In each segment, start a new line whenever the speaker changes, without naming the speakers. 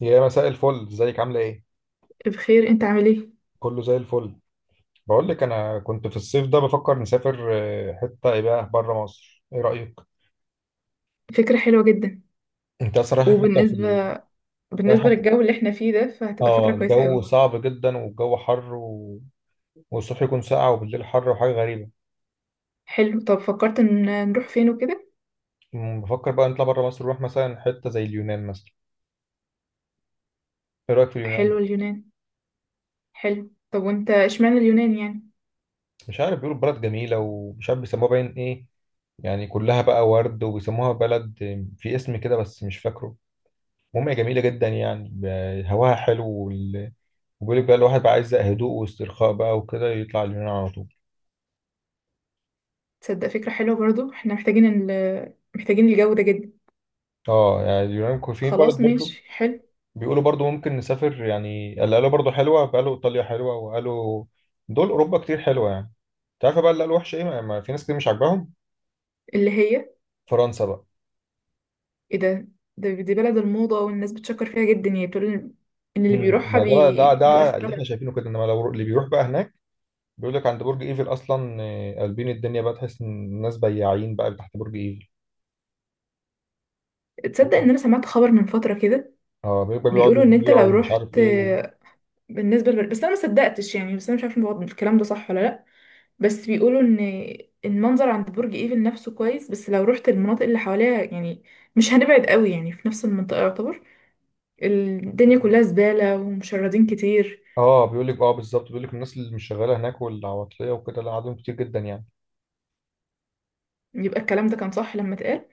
يا مساء الفل، ازيك عاملة ايه؟
بخير، انت عامل ايه؟
كله زي الفل. بقول لك انا كنت في الصيف ده بفكر نسافر، حتة ايه بقى بره مصر، ايه رأيك؟
فكرة حلوة جدا.
انت اصلا رايحة حتة في ال...
وبالنسبة
رايحة
بالنسبة
في-
للجو اللي احنا فيه ده فهتبقى
اه
فكرة كويسة
الجو
قوي.
صعب جدا، والجو حر والصبح يكون ساقع وبالليل حر، وحاجة غريبة.
حلو. طب فكرت ان نروح فين وكده؟
بفكر بقى نطلع بره مصر، نروح مثلا حتة زي اليونان مثلا. ايه رأيك في
حلو
اليونان؟
اليونان. حلو. طب وانت اشمعنى اليونان يعني؟
مش عارف، بيقولوا بلد جميلة ومش عارف بيسموها باين ايه، يعني كلها بقى ورد وبيسموها بلد، في اسم كده بس مش فاكره. المهم هي جميلة جدا، يعني هواها حلو. وبيقول لك بقى الواحد بقى عايز هدوء واسترخاء بقى وكده يطلع اليونان على طول.
تصدق فكرة حلوة برضو، احنا محتاجين محتاجين الجو ده جدا.
اه، يعني اليونان في بلد
خلاص
برضو.
ماشي حلو.
بيقولوا برضو ممكن نسافر، يعني اللي قالوا برضو حلوة، قالوا إيطاليا حلوة، وقالوا دول أوروبا كتير حلوة يعني. انت عارفة بقى اللي قالوا وحشة إيه، ما في ناس كتير مش عاجباهم
اللي هي
فرنسا بقى.
ايه ده؟ دي بلد الموضة والناس بتشكر فيها جدا، يعني بتقول ان اللي بيروحها
ما ده بقى، ده
بيبقى
ده اللي احنا
اختراع.
شايفينه كده، انما لو اللي بيروح بقى هناك بيقول لك عند برج ايفل اصلا، قلبين الدنيا بقى، تحس ان الناس بياعين بقى تحت برج ايفل.
تصدق ان انا سمعت خبر من فترة كده؟
اه، بيبقى بيقعدوا
بيقولوا ان انت
يبيعوا
لو
ومش عارف
رحت
ايه
بس انا ما صدقتش يعني، بس انا مش عارفه الكلام ده صح ولا لا. بس بيقولوا ان المنظر عند برج ايفل نفسه كويس، بس لو رحت المناطق اللي حواليها يعني مش هنبعد قوي، يعني في نفس المنطقه يعتبر الدنيا كلها زباله ومشردين كتير.
اه، بيقول لك بالظبط، بيقول لك الناس اللي مش شغاله هناك والعواطليه وكده، لا عددهم كتير جدا يعني.
يبقى الكلام ده كان صح لما اتقال.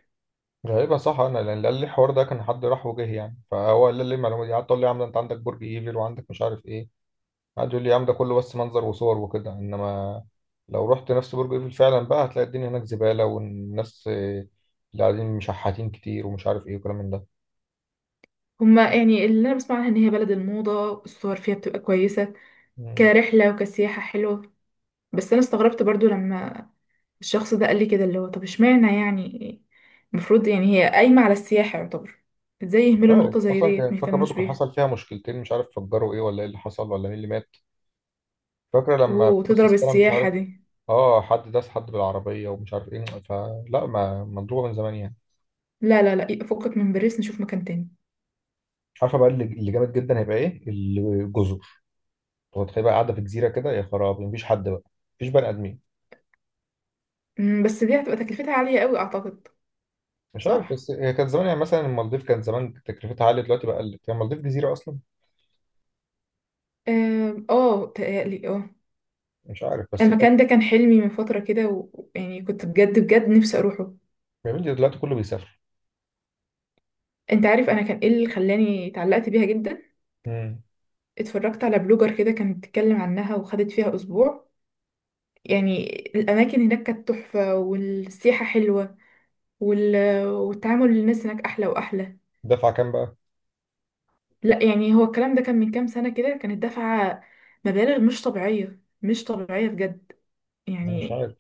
غالبا صح، انا لان اللي قال لي الحوار ده كان حد راح وجه يعني، فهو قال لي المعلومه دي، قعدت اقول لي يا عم ده انت عندك برج ايفل وعندك مش عارف ايه، قعد يقول لي يا عم ده كله بس منظر وصور وكده، انما لو رحت نفس برج ايفل فعلا بقى هتلاقي الدنيا هناك زباله، والناس، اللي قاعدين مشحاتين كتير ومش عارف ايه وكلام من ده.
هما يعني اللي انا بسمع عنها ان هي بلد الموضه، الصور فيها بتبقى كويسه
مم.
كرحله وكسياحه حلوه. بس انا استغربت برضو لما الشخص ده قال لي كده، اللي هو طب اشمعنى يعني؟ المفروض يعني هي قايمة على السياحة يعتبر. ازاي
مش
يهملوا
عارف
نقطة زي
اصلا،
ديت
فاكر
ميهتموش
برضه كان
بيها
حصل فيها مشكلتين، مش عارف فجروا ايه ولا ايه اللي حصل، ولا مين اللي مات. فاكرة لما في نص
وتضرب
السنة مش عارف.
السياحة دي.
اه، حد داس حد بالعربية، ومش عارف ايه، فلا، ما مضروبة من زمان يعني.
لا لا لا، فكك من باريس، نشوف مكان تاني.
عارفة بقى اللي اللي جامد جدا هيبقى ايه؟ الجزر. هو تخيل بقى قاعدة في جزيرة كده، يا خرابي، مفيش حد بقى، مفيش بني آدمين.
أمم، بس دي هتبقى تكلفتها عالية قوي اعتقد.
مش عارف،
صح.
بس هي كانت زمان، يعني مثلا المالديف كان زمان تكلفتها عالية، دلوقتي بقى قلت هي المالديف جزيرة أصلا.
آم، اه تقالي اه.
مش عارف بس كانت.
المكان ده كان حلمي من فترة كده ويعني كنت بجد بجد نفسي اروحه.
يا بنتي دلوقتي كله بيسافر.
انت عارف انا كان ايه اللي خلاني اتعلقت بيها جدا؟
امم.
اتفرجت على بلوجر كده كانت بتتكلم عنها وخدت فيها اسبوع، يعني الأماكن هناك كانت تحفة والسياحة حلوة وال... والتعامل الناس هناك أحلى وأحلى.
دفع كام بقى؟
لا يعني هو الكلام ده كان من كام سنة كده، كانت دافعة مبالغ مش طبيعية، مش طبيعية بجد
أنا مش
يعني.
عارف.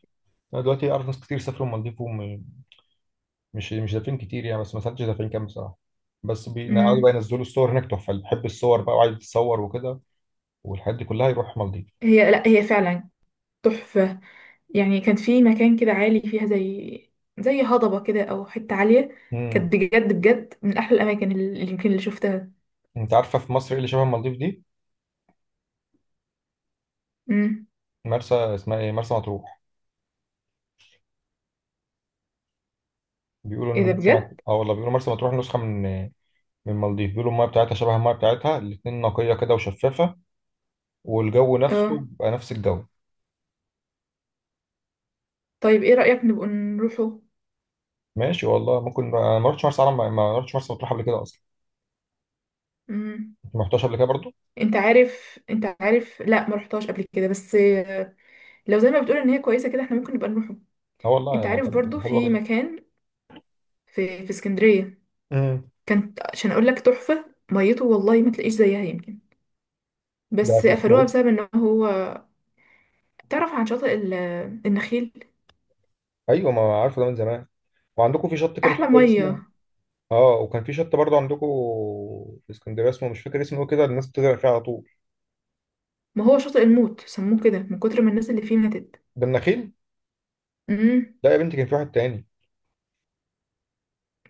أنا دلوقتي أعرف ناس كتير سافروا المالديف، مش دافعين كتير يعني، بس ما سالتش دافعين كام بصراحه. بس بيقعدوا بقى
مم.
ينزلوا الصور هناك تحفه، اللي بيحب الصور بقى وعايز يتصور وكده، والحاجات دي كلها يروح مالديف.
هي لا، هي فعلا تحفة. يعني كان في مكان كده عالي فيها، زي زي هضبة كده أو حتة عالية.
امم
كانت بجد بجد من أحلى الأماكن اللي يمكن اللي شفتها.
انت عارفه في مصر ايه اللي شبه مالديف دي؟
مم.
مرسى، اسمها ايه، مرسى مطروح. بيقولوا
إيه
ان
ده
مرسى
بجد؟
مطروح، اه والله، بيقولوا مرسى مطروح نسخه من، من مالديف. بيقولوا المايه بتاعتها شبه المايه بتاعتها الاتنين، نقيه كده وشفافه، والجو نفسه
اه.
بقى نفس الجو.
طيب إيه رأيك نبقى نروحه؟
ماشي والله، ممكن انا ما رحتش مرسى علم، ما رحتش مرسى مطروح قبل كده اصلا.
مم.
انت ما رحتهاش قبل كده برضو.
انت عارف لا ما رحتهاش قبل كده بس لو زي ما بتقول ان هي كويسه كده احنا ممكن نبقى نروحه.
اه والله،
انت
يعني
عارف برضو
كان حلوه
في
جدا.
مكان في اسكندريه
امم.
كانت، عشان اقول لك تحفه ميته، والله ما تلاقيش زيها يمكن،
ده
بس
في
قفلوها
اسمه
بسبب ان هو تعرف عن شاطئ النخيل؟
إيه؟ ايوه، ما عارفه ده من زمان. وعندكم في شط كده مش
احلى
فاكر اسمه.
ميه.
اه، وكان في شط برضه عندكم في اسكندريه، اسمه مش فاكر اسمه إيه كده، الناس بتغرق فيه على طول.
ما هو شاطئ الموت، سموه كده من كتر ما الناس اللي فيه ماتت.
ده النخيل.
امم.
لا يا بنتي، كان في واحد تاني.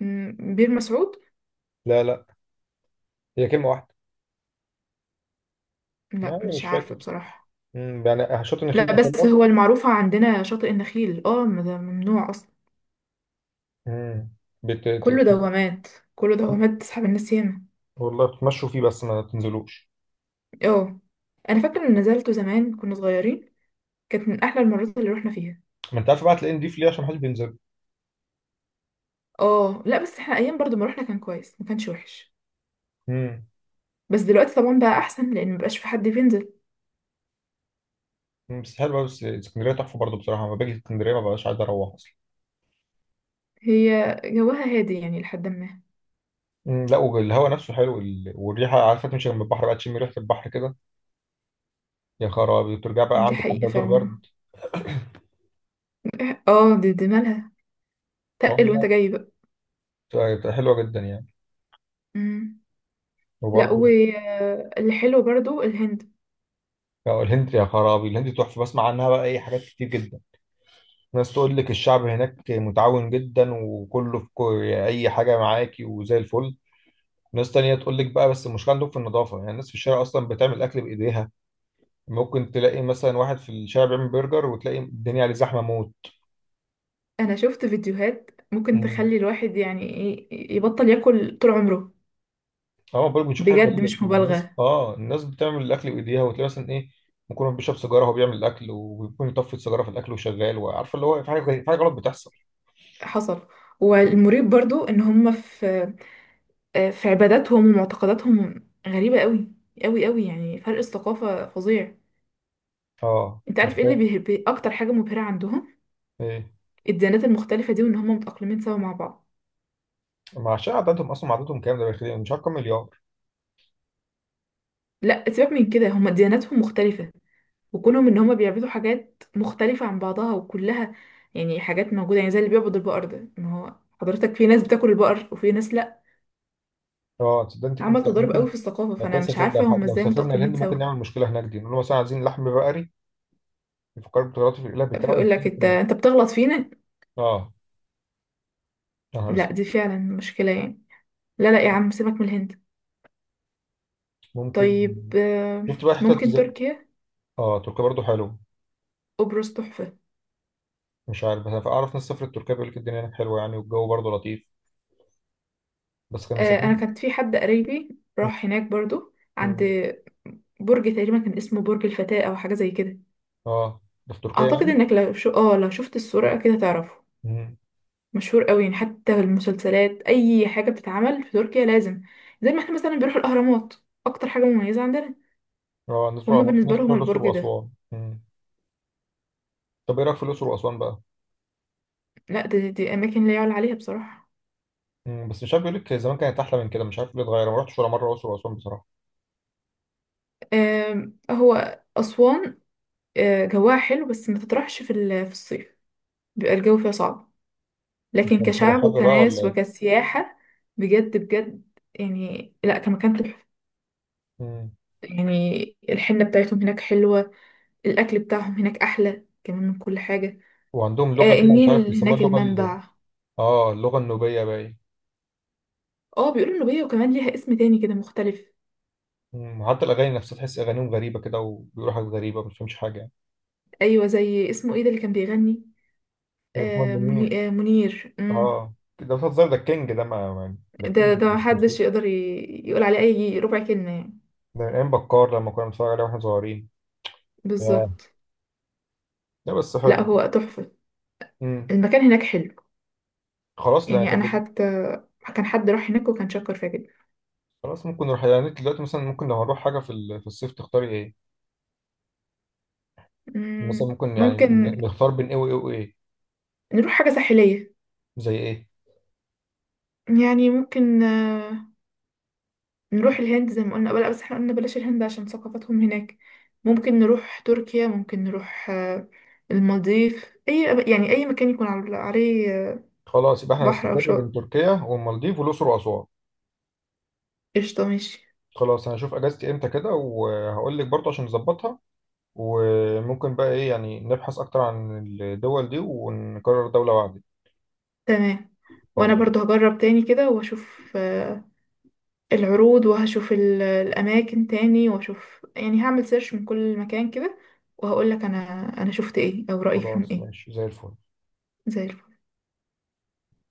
أمم، بير مسعود؟
لا لا، هي كلمه واحده.
لا
يعني
مش
مش
عارفه
فاكر.
بصراحه.
يعني شط النخيل
لا
ده فين
بس
اصلا؟
هو المعروفه عندنا شاطئ النخيل، اه، ما ده ممنوع.
امم بت... بت-
كله دوامات، كله دوامات تسحب الناس ياما.
والله بتمشوا فيه بس ما تنزلوش.
اه. انا فاكره ان نزلته زمان كنا صغيرين، كانت من احلى المرات اللي روحنا فيها.
ما انت عارف بقى، تلاقيه نضيف ليه؟ عشان محدش بينزل.
اه لا بس احنا ايام برضو ما روحنا كان كويس، ما كانش وحش.
امم
بس دلوقتي طبعا بقى احسن لان مبقاش في حد بينزل.
بس حلو، بس اسكندريه تحفه برضه بصراحه، لما باجي اسكندريه ما ببقاش عايز اروح اصلا.
هي جواها هادي يعني لحد ما.
لا، والهواء نفسه حلو، والريحه، عارفه تمشي جنب البحر بقى، تشم ريحه البحر كده، يا خرابي، وترجع بقى
دي
عندك
حقيقه
احلى دور
فعلا.
برد.
اه، دي دي مالها، تقل وانت
والله
جاي بقى.
بتبقى حلوه جدا يعني.
مم. لا،
وبرضه،
واللي حلو برضو الهند.
بقى الهند، يا خرابي، الهند تحفه، بسمع عنها بقى اي حاجات كتير جدا. ناس تقول لك الشعب هناك متعاون جدا، وكله في اي حاجه معاكي وزي الفل. ناس تانية تقول لك بقى، بس المشكله عندهم في النظافه، يعني الناس في الشارع اصلا بتعمل اكل بايديها، ممكن تلاقي مثلا واحد في الشارع بيعمل برجر وتلاقي الدنيا عليه زحمه موت.
انا شفت فيديوهات ممكن
مم.
تخلي الواحد يعني ايه يبطل ياكل طول عمره.
اه، برضه بنشوف حاجه
بجد
غريبه،
مش
الناس
مبالغه.
اه الناس بتعمل الاكل بايديها، وتلاقي مثلا ايه، ممكن بيشرب سيجاره وهو بيعمل الاكل، وبيكون يطفي السيجاره في الاكل وشغال، وعارفه اللي هو في في حاجه غلط بتحصل.
حصل. والمريب برضو ان هم في في عباداتهم ومعتقداتهم غريبة قوي قوي قوي، يعني فرق الثقافة فظيع.
اه،
انت
انت
عارف ايه اللي
متخيل
اكتر حاجة مبهرة عندهم؟
ايه؟
الديانات المختلفة دي وان هم متأقلمين سوا مع بعض.
ما عشان عددهم، اصلا عددهم كام؟ ده بالخير مش عارف كام مليار.
لا سيبك من كده، هم دياناتهم مختلفة، وكونهم ان هم بيعبدوا حاجات مختلفة عن بعضها وكلها يعني حاجات موجودة، يعني زي اللي بيعبد البقر ده، ما هو حضرتك في ناس بتاكل البقر وفي ناس لا.
اه، تصدق، انت
عمل
كنت
تضارب قوي
ممكن،
في الثقافة،
لو
فانا
كان
مش
سافر،
عارفة هم
لو
ازاي
سافرنا الهند
متأقلمين سوا.
ممكن نعمل مشكله هناك، دي نقول له مثلا عايزين لحم بقري، يفكروا بطريقته في الاله بتاعه
فيقول
ونشيل
لك
في
انت
الموضوع.
انت بتغلط فينا.
اه. يا نهار
لا
اسود.
دي فعلا مشكلة يعني. لا لا يا عم، سيبك من الهند.
ممكن.
طيب آه،
شفت بقى حتت
ممكن
زي،
تركيا.
اه تركيا برضه حلو.
قبرص تحفة.
مش عارف، بس أنا اعرف ناس سافرت تركيا، بيقول لك الدنيا هناك حلوه يعني، والجو برضه لطيف. بس كان
آه، أنا
مسافرين.
كانت في حد قريبي
م-
راح هناك برضو، عند
م.
برج تقريبا كان اسمه برج الفتاة أو حاجة زي كده.
اه، ده في تركيا
أعتقد
يعني.
إنك لو شو آه لو شفت الصورة كده تعرفه.
م.
مشهور قوي، يعني حتى المسلسلات أي حاجة بتتعمل في تركيا لازم زي ما احنا مثلا بنروح الأهرامات، أكتر حاجة مميزة عندنا.
اه، الناس
هما
بتروح
بالنسبة
الناس
لهم
بتروح الاقصر
البرج ده.
واسوان. م. طب ايه رايك في الاقصر واسوان بقى؟
لا دي, دي أماكن لا يعلى عليها بصراحة.
م. بس مش عارف، بيقول لك زمان كانت احلى من كده، مش عارف ليه اتغير. أنا ما رحتش ولا مره الاقصر واسوان بصراحه.
آم، هو أسوان آه، جواها حلو بس ما تطرحش في في الصيف، بيبقى الجو فيها صعب.
انت
لكن
مسافر
كشعب
حر بقى ولا
وكناس
ايه؟
وكسياحة بجد بجد، يعني لا كمكان تحفة.
م.
يعني الحنة بتاعتهم هناك حلوة، الأكل بتاعهم هناك أحلى كمان من كل حاجة.
وعندهم لغه
آه
كده مش عارف
النيل
بيسموها
هناك
اللغه ال...
المنبع.
اه اللغه النوبيه باين.
اه بيقولوا النوبية، وكمان ليها اسم تاني كده مختلف.
م. وحتى الاغاني نفسها تحس اغانيهم غريبه كده، وبيقولوا حاجات غريبه ما بتفهمش حاجه يعني.
أيوة زي اسمه ايه ده اللي كان بيغني؟
طيب، محمد
آه
منير.
منير. مم.
اه، ده بتهزر، ده الكينج، ده ما ما- ده
ده
الكينج.
ده محدش يقدر يقول عليه أي ربع كلمة يعني.
ده من ايام بكار لما كنا بنتفرج عليه واحنا صغيرين. ياه.
بالظبط.
لا بس حلو.
لا هو تحفة،
امم
المكان هناك حلو.
خلاص، لا،
يعني انا
طب
حتى كان حد راح هناك وكان شكر فيها جدا.
خلاص ممكن نروح يعني. انت دلوقتي مثلا، ممكن لو هنروح حاجه في في الصيف تختاري ايه؟ مثلا
مم،
ممكن يعني
ممكن
نختار بين ايه وايه وايه؟
نروح حاجة ساحلية.
زي ايه؟
يعني ممكن آه، نروح الهند زي ما قلنا، بلا بس احنا قلنا بلاش الهند عشان ثقافتهم هناك. ممكن نروح تركيا، ممكن نروح آه، المالديف، اي يعني اي مكان يكون عليه آه،
خلاص، يبقى احنا
بحر او
نستقر بين
شاطئ.
تركيا والمالديف والاقصر واسوان.
قشطة ماشي.
خلاص، انا هشوف اجازتي امتى كده وهقول لك برضه عشان نظبطها، وممكن بقى ايه يعني، نبحث اكتر عن الدول دي ونقرر دوله واحده.
تمام. وانا
خلاص.
برضو هجرب تاني كده واشوف آه، العروض، وهشوف الأماكن تاني وأشوف، يعني هعمل سيرش من كل مكان كده وهقولك أنا، أنا شفت إيه أو رأيي فيهم
خلاص،
إيه.
ماشي زي الفل.
زي الفل.